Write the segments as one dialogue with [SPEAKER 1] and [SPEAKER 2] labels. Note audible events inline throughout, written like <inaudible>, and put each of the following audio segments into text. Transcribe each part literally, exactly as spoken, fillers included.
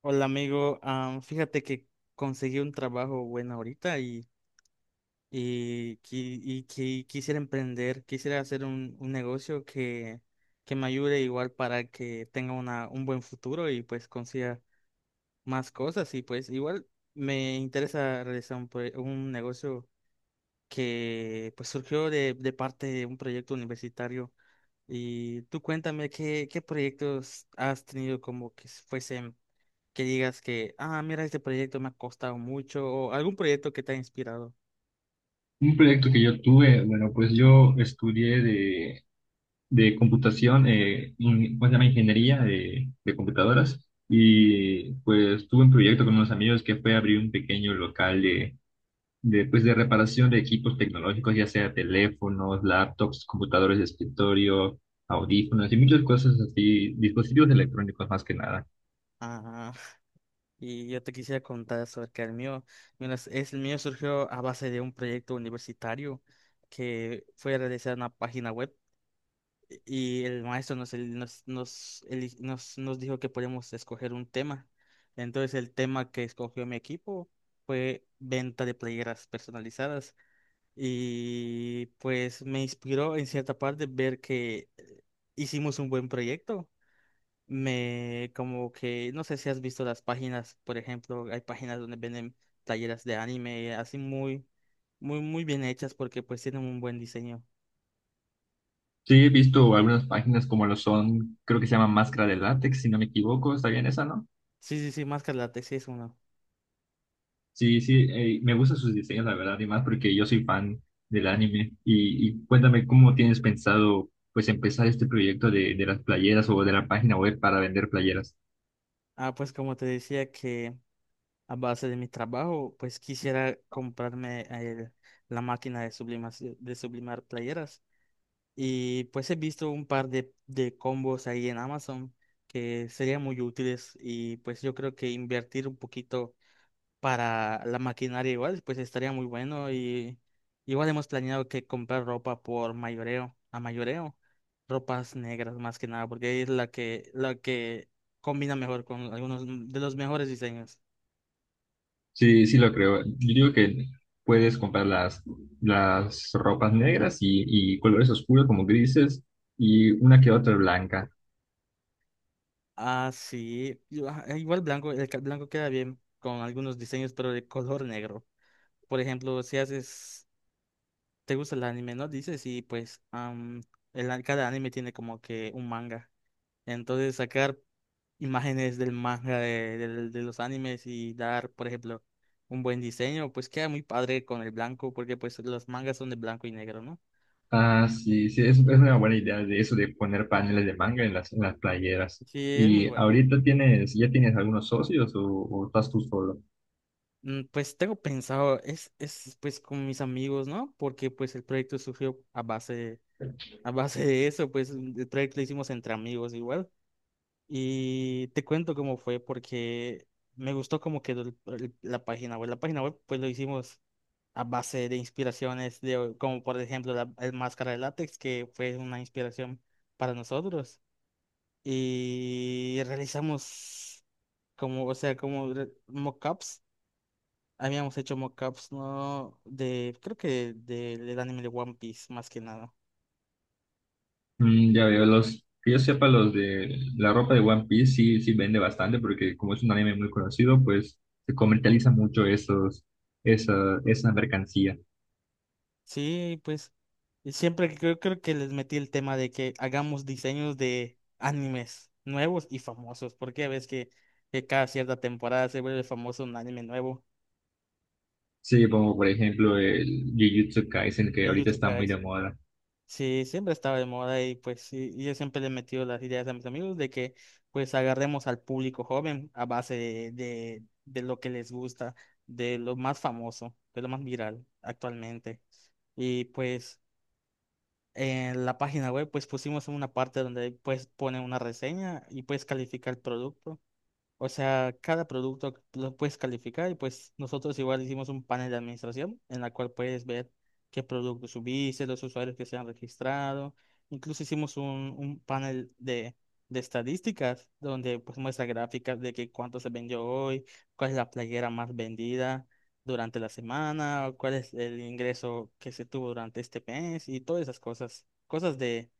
[SPEAKER 1] Hola amigo, Am, fíjate que conseguí un trabajo bueno ahorita y, y, qui- y qui- quisiera emprender, quisiera hacer un, un negocio que, que me ayude igual para que tenga una, un buen futuro y pues consiga más cosas y pues igual me interesa realizar un, proye- un negocio que pues surgió de, de parte de un proyecto universitario y tú cuéntame qué, qué proyectos has tenido como que fuesen que digas que, ah, mira, este proyecto me ha costado mucho, o algún proyecto que te ha inspirado.
[SPEAKER 2] Un proyecto que yo tuve, bueno, pues yo estudié de, de computación, eh, in- ¿cómo se llama? Ingeniería de, de computadoras. Y pues tuve un proyecto con unos amigos que fue abrir un pequeño local de, de, pues, de reparación de equipos tecnológicos, ya sea teléfonos, laptops, computadores de escritorio, audífonos y muchas cosas así, dispositivos electrónicos más que nada.
[SPEAKER 1] Ajá. Y yo te quisiera contar sobre que el mío, mira, es- es- el mío surgió a base de un proyecto universitario que fue a realizar una página web y el maestro nos, el- nos, nos, eli- nos, nos dijo que podíamos escoger un tema. Entonces el tema que escogió mi equipo fue venta de playeras personalizadas. Y pues me inspiró en cierta parte ver que eh, hicimos un buen proyecto. Me como que, no sé si has visto las páginas, por ejemplo, hay páginas donde venden playeras de anime, así muy, muy, muy bien hechas porque pues tienen un buen diseño.
[SPEAKER 2] Sí, he visto algunas páginas como lo son, creo que se llama Máscara de Látex, si no me equivoco, ¿está bien esa, no?
[SPEAKER 1] Sí, sí, sí, Máscara Látex sí es uno.
[SPEAKER 2] Sí, sí, eh, me gustan sus diseños, la verdad, y más porque yo soy fan del anime. Y, y cuéntame cómo tienes pensado, pues, empezar este proyecto de, de las playeras o de la página web para vender playeras.
[SPEAKER 1] Ah, pues como te decía que a base de mi trabajo, pues quisiera comprarme eh, la máquina de sublimación, de sublimar playeras. Y pues he visto un par de, de combos ahí en Amazon que serían muy útiles y pues yo creo que invertir un poquito para la maquinaria igual pues estaría muy bueno y igual hemos planeado que comprar ropa por mayoreo, a mayoreo, ropas negras más que nada porque es la que la que combina mejor con algunos de los mejores diseños.
[SPEAKER 2] Sí, sí, lo creo. Yo digo que puedes comprar las, las ropas negras y, y colores oscuros como grises y una que otra blanca.
[SPEAKER 1] Ah, sí, yo- ah, igual blanco, el ca- blanco queda bien con algunos diseños pero de color negro. Por ejemplo, si haces ¿Te gusta el anime, no? Dices, y pues am, el, an- cada anime tiene como que un manga. Entonces sacar imágenes del manga de, del- de los animes y dar, por ejemplo, un buen diseño, pues queda muy padre con el blanco, porque pues los mangas son de blanco y negro, ¿no?
[SPEAKER 2] Ah, sí, sí, es, es una buena idea de eso de poner paneles de manga en las, en las playeras.
[SPEAKER 1] Sí, es muy
[SPEAKER 2] ¿Y
[SPEAKER 1] bueno.
[SPEAKER 2] ahorita tienes, ya tienes algunos socios o, o estás tú solo?
[SPEAKER 1] Mm, pues tengo pensado, es, es pues con mis amigos, ¿no? Porque pues el proyecto surgió a base, a base de eso, pues el proyecto lo hicimos entre amigos igual. Y te cuento cómo fue, porque me gustó cómo quedó el- el- la página web. La página web, pues lo hicimos a base de inspiraciones, de, como por ejemplo la el máscara de látex, que fue una inspiración para nosotros. Y realizamos como, o sea, como re- mockups. Habíamos hecho mockups, ¿no? De, creo que de del anime de One Piece, más que nada.
[SPEAKER 2] Mm, ya veo, los, que yo sepa, los de la ropa de One Piece sí, sí vende bastante porque como es un anime muy conocido, pues se comercializa mucho esos, esa, esa mercancía.
[SPEAKER 1] Sí, pues y siempre creo, creo que les metí el tema de que hagamos diseños de animes nuevos y famosos, porque ves que, que cada cierta temporada se vuelve famoso un anime nuevo.
[SPEAKER 2] Sí, como por ejemplo el Jujutsu Kaisen, que
[SPEAKER 1] Y yo
[SPEAKER 2] ahorita está
[SPEAKER 1] siempre
[SPEAKER 2] muy de
[SPEAKER 1] eso.
[SPEAKER 2] moda.
[SPEAKER 1] Sí, siempre estaba de moda y pues sí, y yo siempre le he metido las ideas a mis amigos de que pues agarremos al público joven a base de, de, de lo que les gusta, de lo más famoso, de lo más viral actualmente. Y pues... En la página web pues pusimos una parte donde pues pone una reseña y puedes calificar el producto. O sea, cada producto lo puedes calificar y pues nosotros igual hicimos un panel de administración en la cual puedes ver qué productos subiste, los usuarios que se han registrado. Incluso hicimos un, un panel de, de estadísticas donde pues muestra gráficas de que cuánto se vendió hoy, cuál es la playera más vendida durante la semana, o cuál es el ingreso que se tuvo durante este mes y todas esas cosas, cosas de,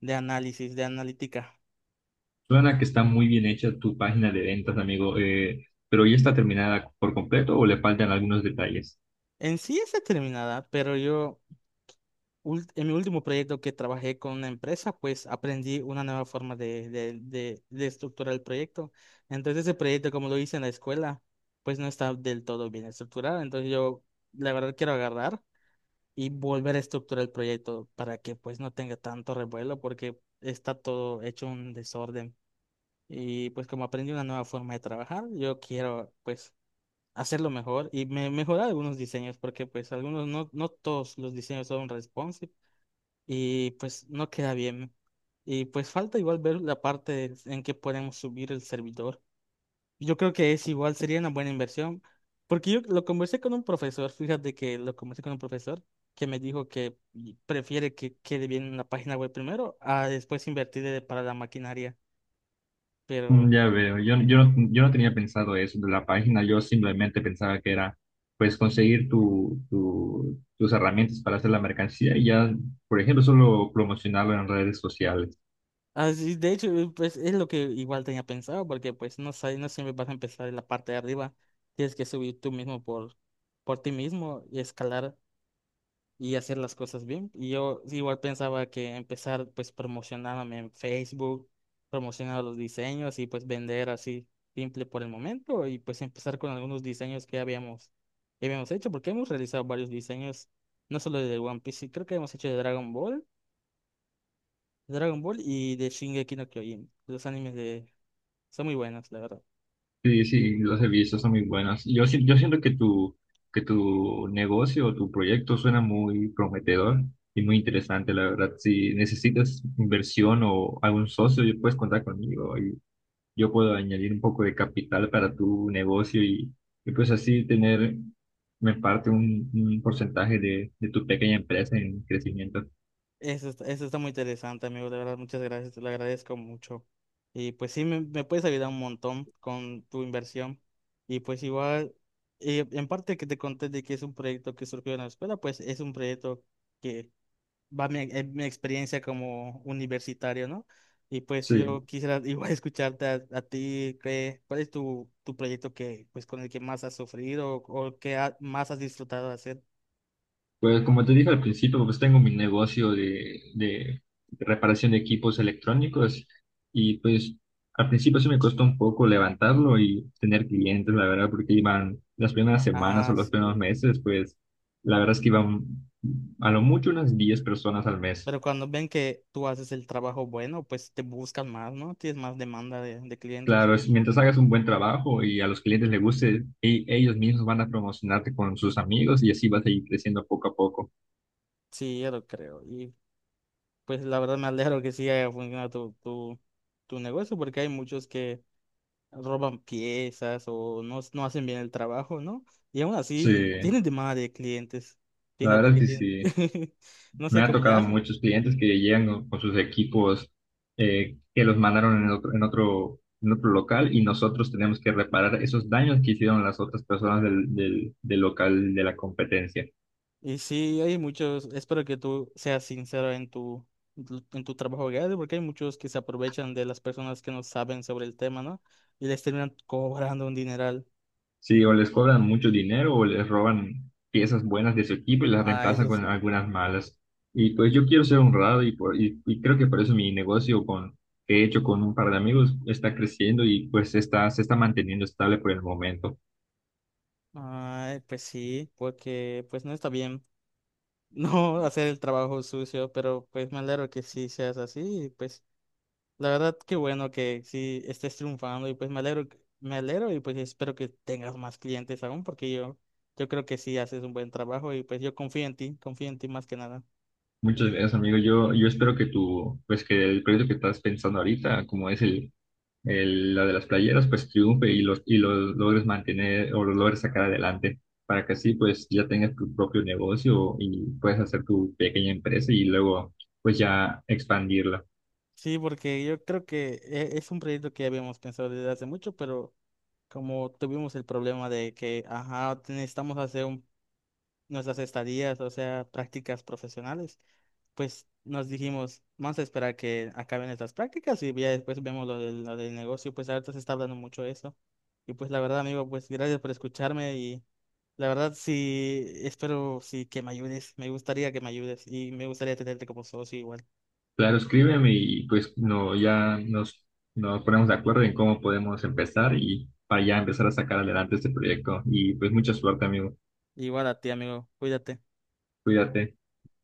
[SPEAKER 1] de análisis, de analítica.
[SPEAKER 2] Suena que está muy bien hecha tu página de ventas, amigo, eh, pero ¿ya está terminada por completo o le faltan algunos detalles?
[SPEAKER 1] En sí es determinada, pero yo... ul- en mi último proyecto que trabajé con una empresa, pues aprendí una nueva forma de, de, de, de estructurar el proyecto. Entonces ese proyecto, como lo hice en la escuela, pues no está del todo bien estructurado. Entonces yo, la verdad, quiero agarrar y volver a estructurar el proyecto para que pues no tenga tanto revuelo porque está todo hecho un desorden. Y pues como aprendí una nueva forma de trabajar, yo quiero pues hacerlo mejor y me mejorar algunos diseños porque pues algunos no, no todos los diseños son responsive y pues no queda bien. Y pues falta igual ver la parte en que podemos subir el servidor. Yo creo que es igual, sería una buena inversión, porque yo lo conversé con un profesor, fíjate que lo conversé con un profesor que me dijo que prefiere que quede bien la página web primero a después invertir eh, para la maquinaria. Pero
[SPEAKER 2] Mm, ya veo, yo, yo, no, yo no tenía pensado eso de la página, yo simplemente pensaba que era pues conseguir tu, tu- tus herramientas para hacer la mercancía y ya, por ejemplo, solo promocionarlo en redes sociales.
[SPEAKER 1] así, de hecho, eh, pues es lo que igual tenía pensado, porque pues no sé, no siempre vas a empezar en la parte de arriba, tienes que subir tú mismo por, por ti mismo y escalar y hacer las cosas bien. Y yo sí, igual pensaba que empezar pues promocionándome en Facebook, promocionar los diseños y pues vender así simple por el momento y pues empezar con algunos diseños que habíamos, que habíamos hecho, porque hemos realizado varios diseños, no solo de One Piece, sí, creo que hemos hecho de Dragon Ball, Dragon Ball y de Shingeki no Kyojin. Los animes de... son muy buenos, la verdad.
[SPEAKER 2] Sí, sí, los servicios son muy buenos. Yo, si- yo siento que tu, que tu negocio o tu proyecto suena muy prometedor y muy interesante, la verdad. Si necesitas inversión o algún socio, puedes contar conmigo, yo puedo añadir un poco de capital para tu negocio y, y pues así tener, me parte un, un porcentaje de, de tu pequeña empresa en crecimiento.
[SPEAKER 1] Eso está, eso está muy interesante, amigo. De verdad, muchas gracias. Te lo agradezco mucho. Y pues sí, me, me puedes ayudar un montón con tu inversión. Y pues igual, eh, en parte que te conté de que es un proyecto que surgió en la escuela, pues es un proyecto que va mi, en mi experiencia como universitario, ¿no? Y pues yo
[SPEAKER 2] Sí,
[SPEAKER 1] quisiera <laughs> igual escucharte a, a ti, qué, ¿cuál es tu, tu proyecto que, pues, con el que más has sufrido o, o que ha- más has disfrutado de hacer?
[SPEAKER 2] pues como te dije al principio, pues tengo mi negocio de, de reparación de equipos electrónicos y pues al principio sí me costó un poco levantarlo y tener clientes, la verdad, porque iban las primeras semanas o
[SPEAKER 1] Ah,
[SPEAKER 2] los
[SPEAKER 1] sí.
[SPEAKER 2] primeros meses, pues la verdad es que iban a lo mucho unas diez personas al mes.
[SPEAKER 1] Pero cuando ven que tú haces el trabajo bueno, pues te buscan más, ¿no? Tienes más demanda de, de clientes.
[SPEAKER 2] Claro, es- mientras hagas un buen trabajo y a los clientes les guste, e- ellos mismos van a promocionarte con sus amigos y así vas a ir creciendo poco a poco.
[SPEAKER 1] Sí, yo lo creo. Y pues la verdad me alegro que sí haya funcionado tu, tu, tu negocio, porque hay muchos que roban piezas o no, no hacen bien el trabajo, ¿no? Y aún así
[SPEAKER 2] Sí,
[SPEAKER 1] tienen demanda de clientes.
[SPEAKER 2] la
[SPEAKER 1] Fíjate
[SPEAKER 2] verdad es
[SPEAKER 1] que
[SPEAKER 2] que
[SPEAKER 1] tienen,
[SPEAKER 2] sí.
[SPEAKER 1] <laughs> no
[SPEAKER 2] Me
[SPEAKER 1] sé
[SPEAKER 2] ha
[SPEAKER 1] cómo le
[SPEAKER 2] tocado
[SPEAKER 1] hacen.
[SPEAKER 2] muchos clientes que llegan con, con sus equipos eh, que los mandaron en otro, en otro, en otro local y nosotros tenemos que reparar esos daños que hicieron las otras personas del, del, del local de la competencia.
[SPEAKER 1] Y sí, hay muchos, espero que tú seas sincero en tu, en tu en tu trabajo diario, porque hay muchos que se aprovechan de las personas que no saben sobre el tema, ¿no? Y les terminan cobrando un dineral.
[SPEAKER 2] Sí, o les cobran mucho dinero o les roban piezas buenas de su equipo y las
[SPEAKER 1] Ah,
[SPEAKER 2] reemplazan
[SPEAKER 1] eso
[SPEAKER 2] con
[SPEAKER 1] sí.
[SPEAKER 2] algunas malas. Y pues yo quiero ser honrado y, por- y, y creo que por eso mi negocio con, que he hecho con un par de amigos está creciendo y pues está, se está manteniendo estable por el momento.
[SPEAKER 1] Ay, pues sí, porque pues no está bien <laughs> no hacer el trabajo sucio, pero pues me alegro que sí seas así, y, pues la verdad, qué bueno que sí estés triunfando y pues me alegro, que- me alegro y pues espero que tengas más clientes aún porque yo, yo creo que sí haces un buen trabajo y pues yo confío en ti, confío en ti más que nada.
[SPEAKER 2] Muchas gracias, amigo. Yo, yo espero que tu, pues que el proyecto que estás pensando ahorita, como es el- la de las playeras, pues triunfe y los, y los logres mantener o los logres sacar adelante para que así pues ya tengas tu propio negocio y puedes hacer tu pequeña empresa y luego pues ya expandirla.
[SPEAKER 1] Sí, porque yo creo que e- es un proyecto que habíamos pensado desde hace mucho, pero como tuvimos el problema de que, ajá, necesitamos hacer un- nuestras estadías, o sea, prácticas profesionales. Pues nos dijimos, vamos a esperar que acaben estas prácticas y ya después vemos lo del, lo del negocio, pues ahorita se está hablando mucho de eso. Y pues la verdad, amigo, pues gracias por escucharme y la verdad sí, espero sí que me ayudes, me gustaría que me ayudes y me gustaría tenerte como socio igual.
[SPEAKER 2] Claro, escríbeme y pues no, ya nos, nos ponemos de acuerdo en cómo podemos empezar y para ya empezar a sacar adelante este proyecto. Y pues mucha suerte, amigo.
[SPEAKER 1] Igual a ti, amigo, cuídate.
[SPEAKER 2] Cuídate.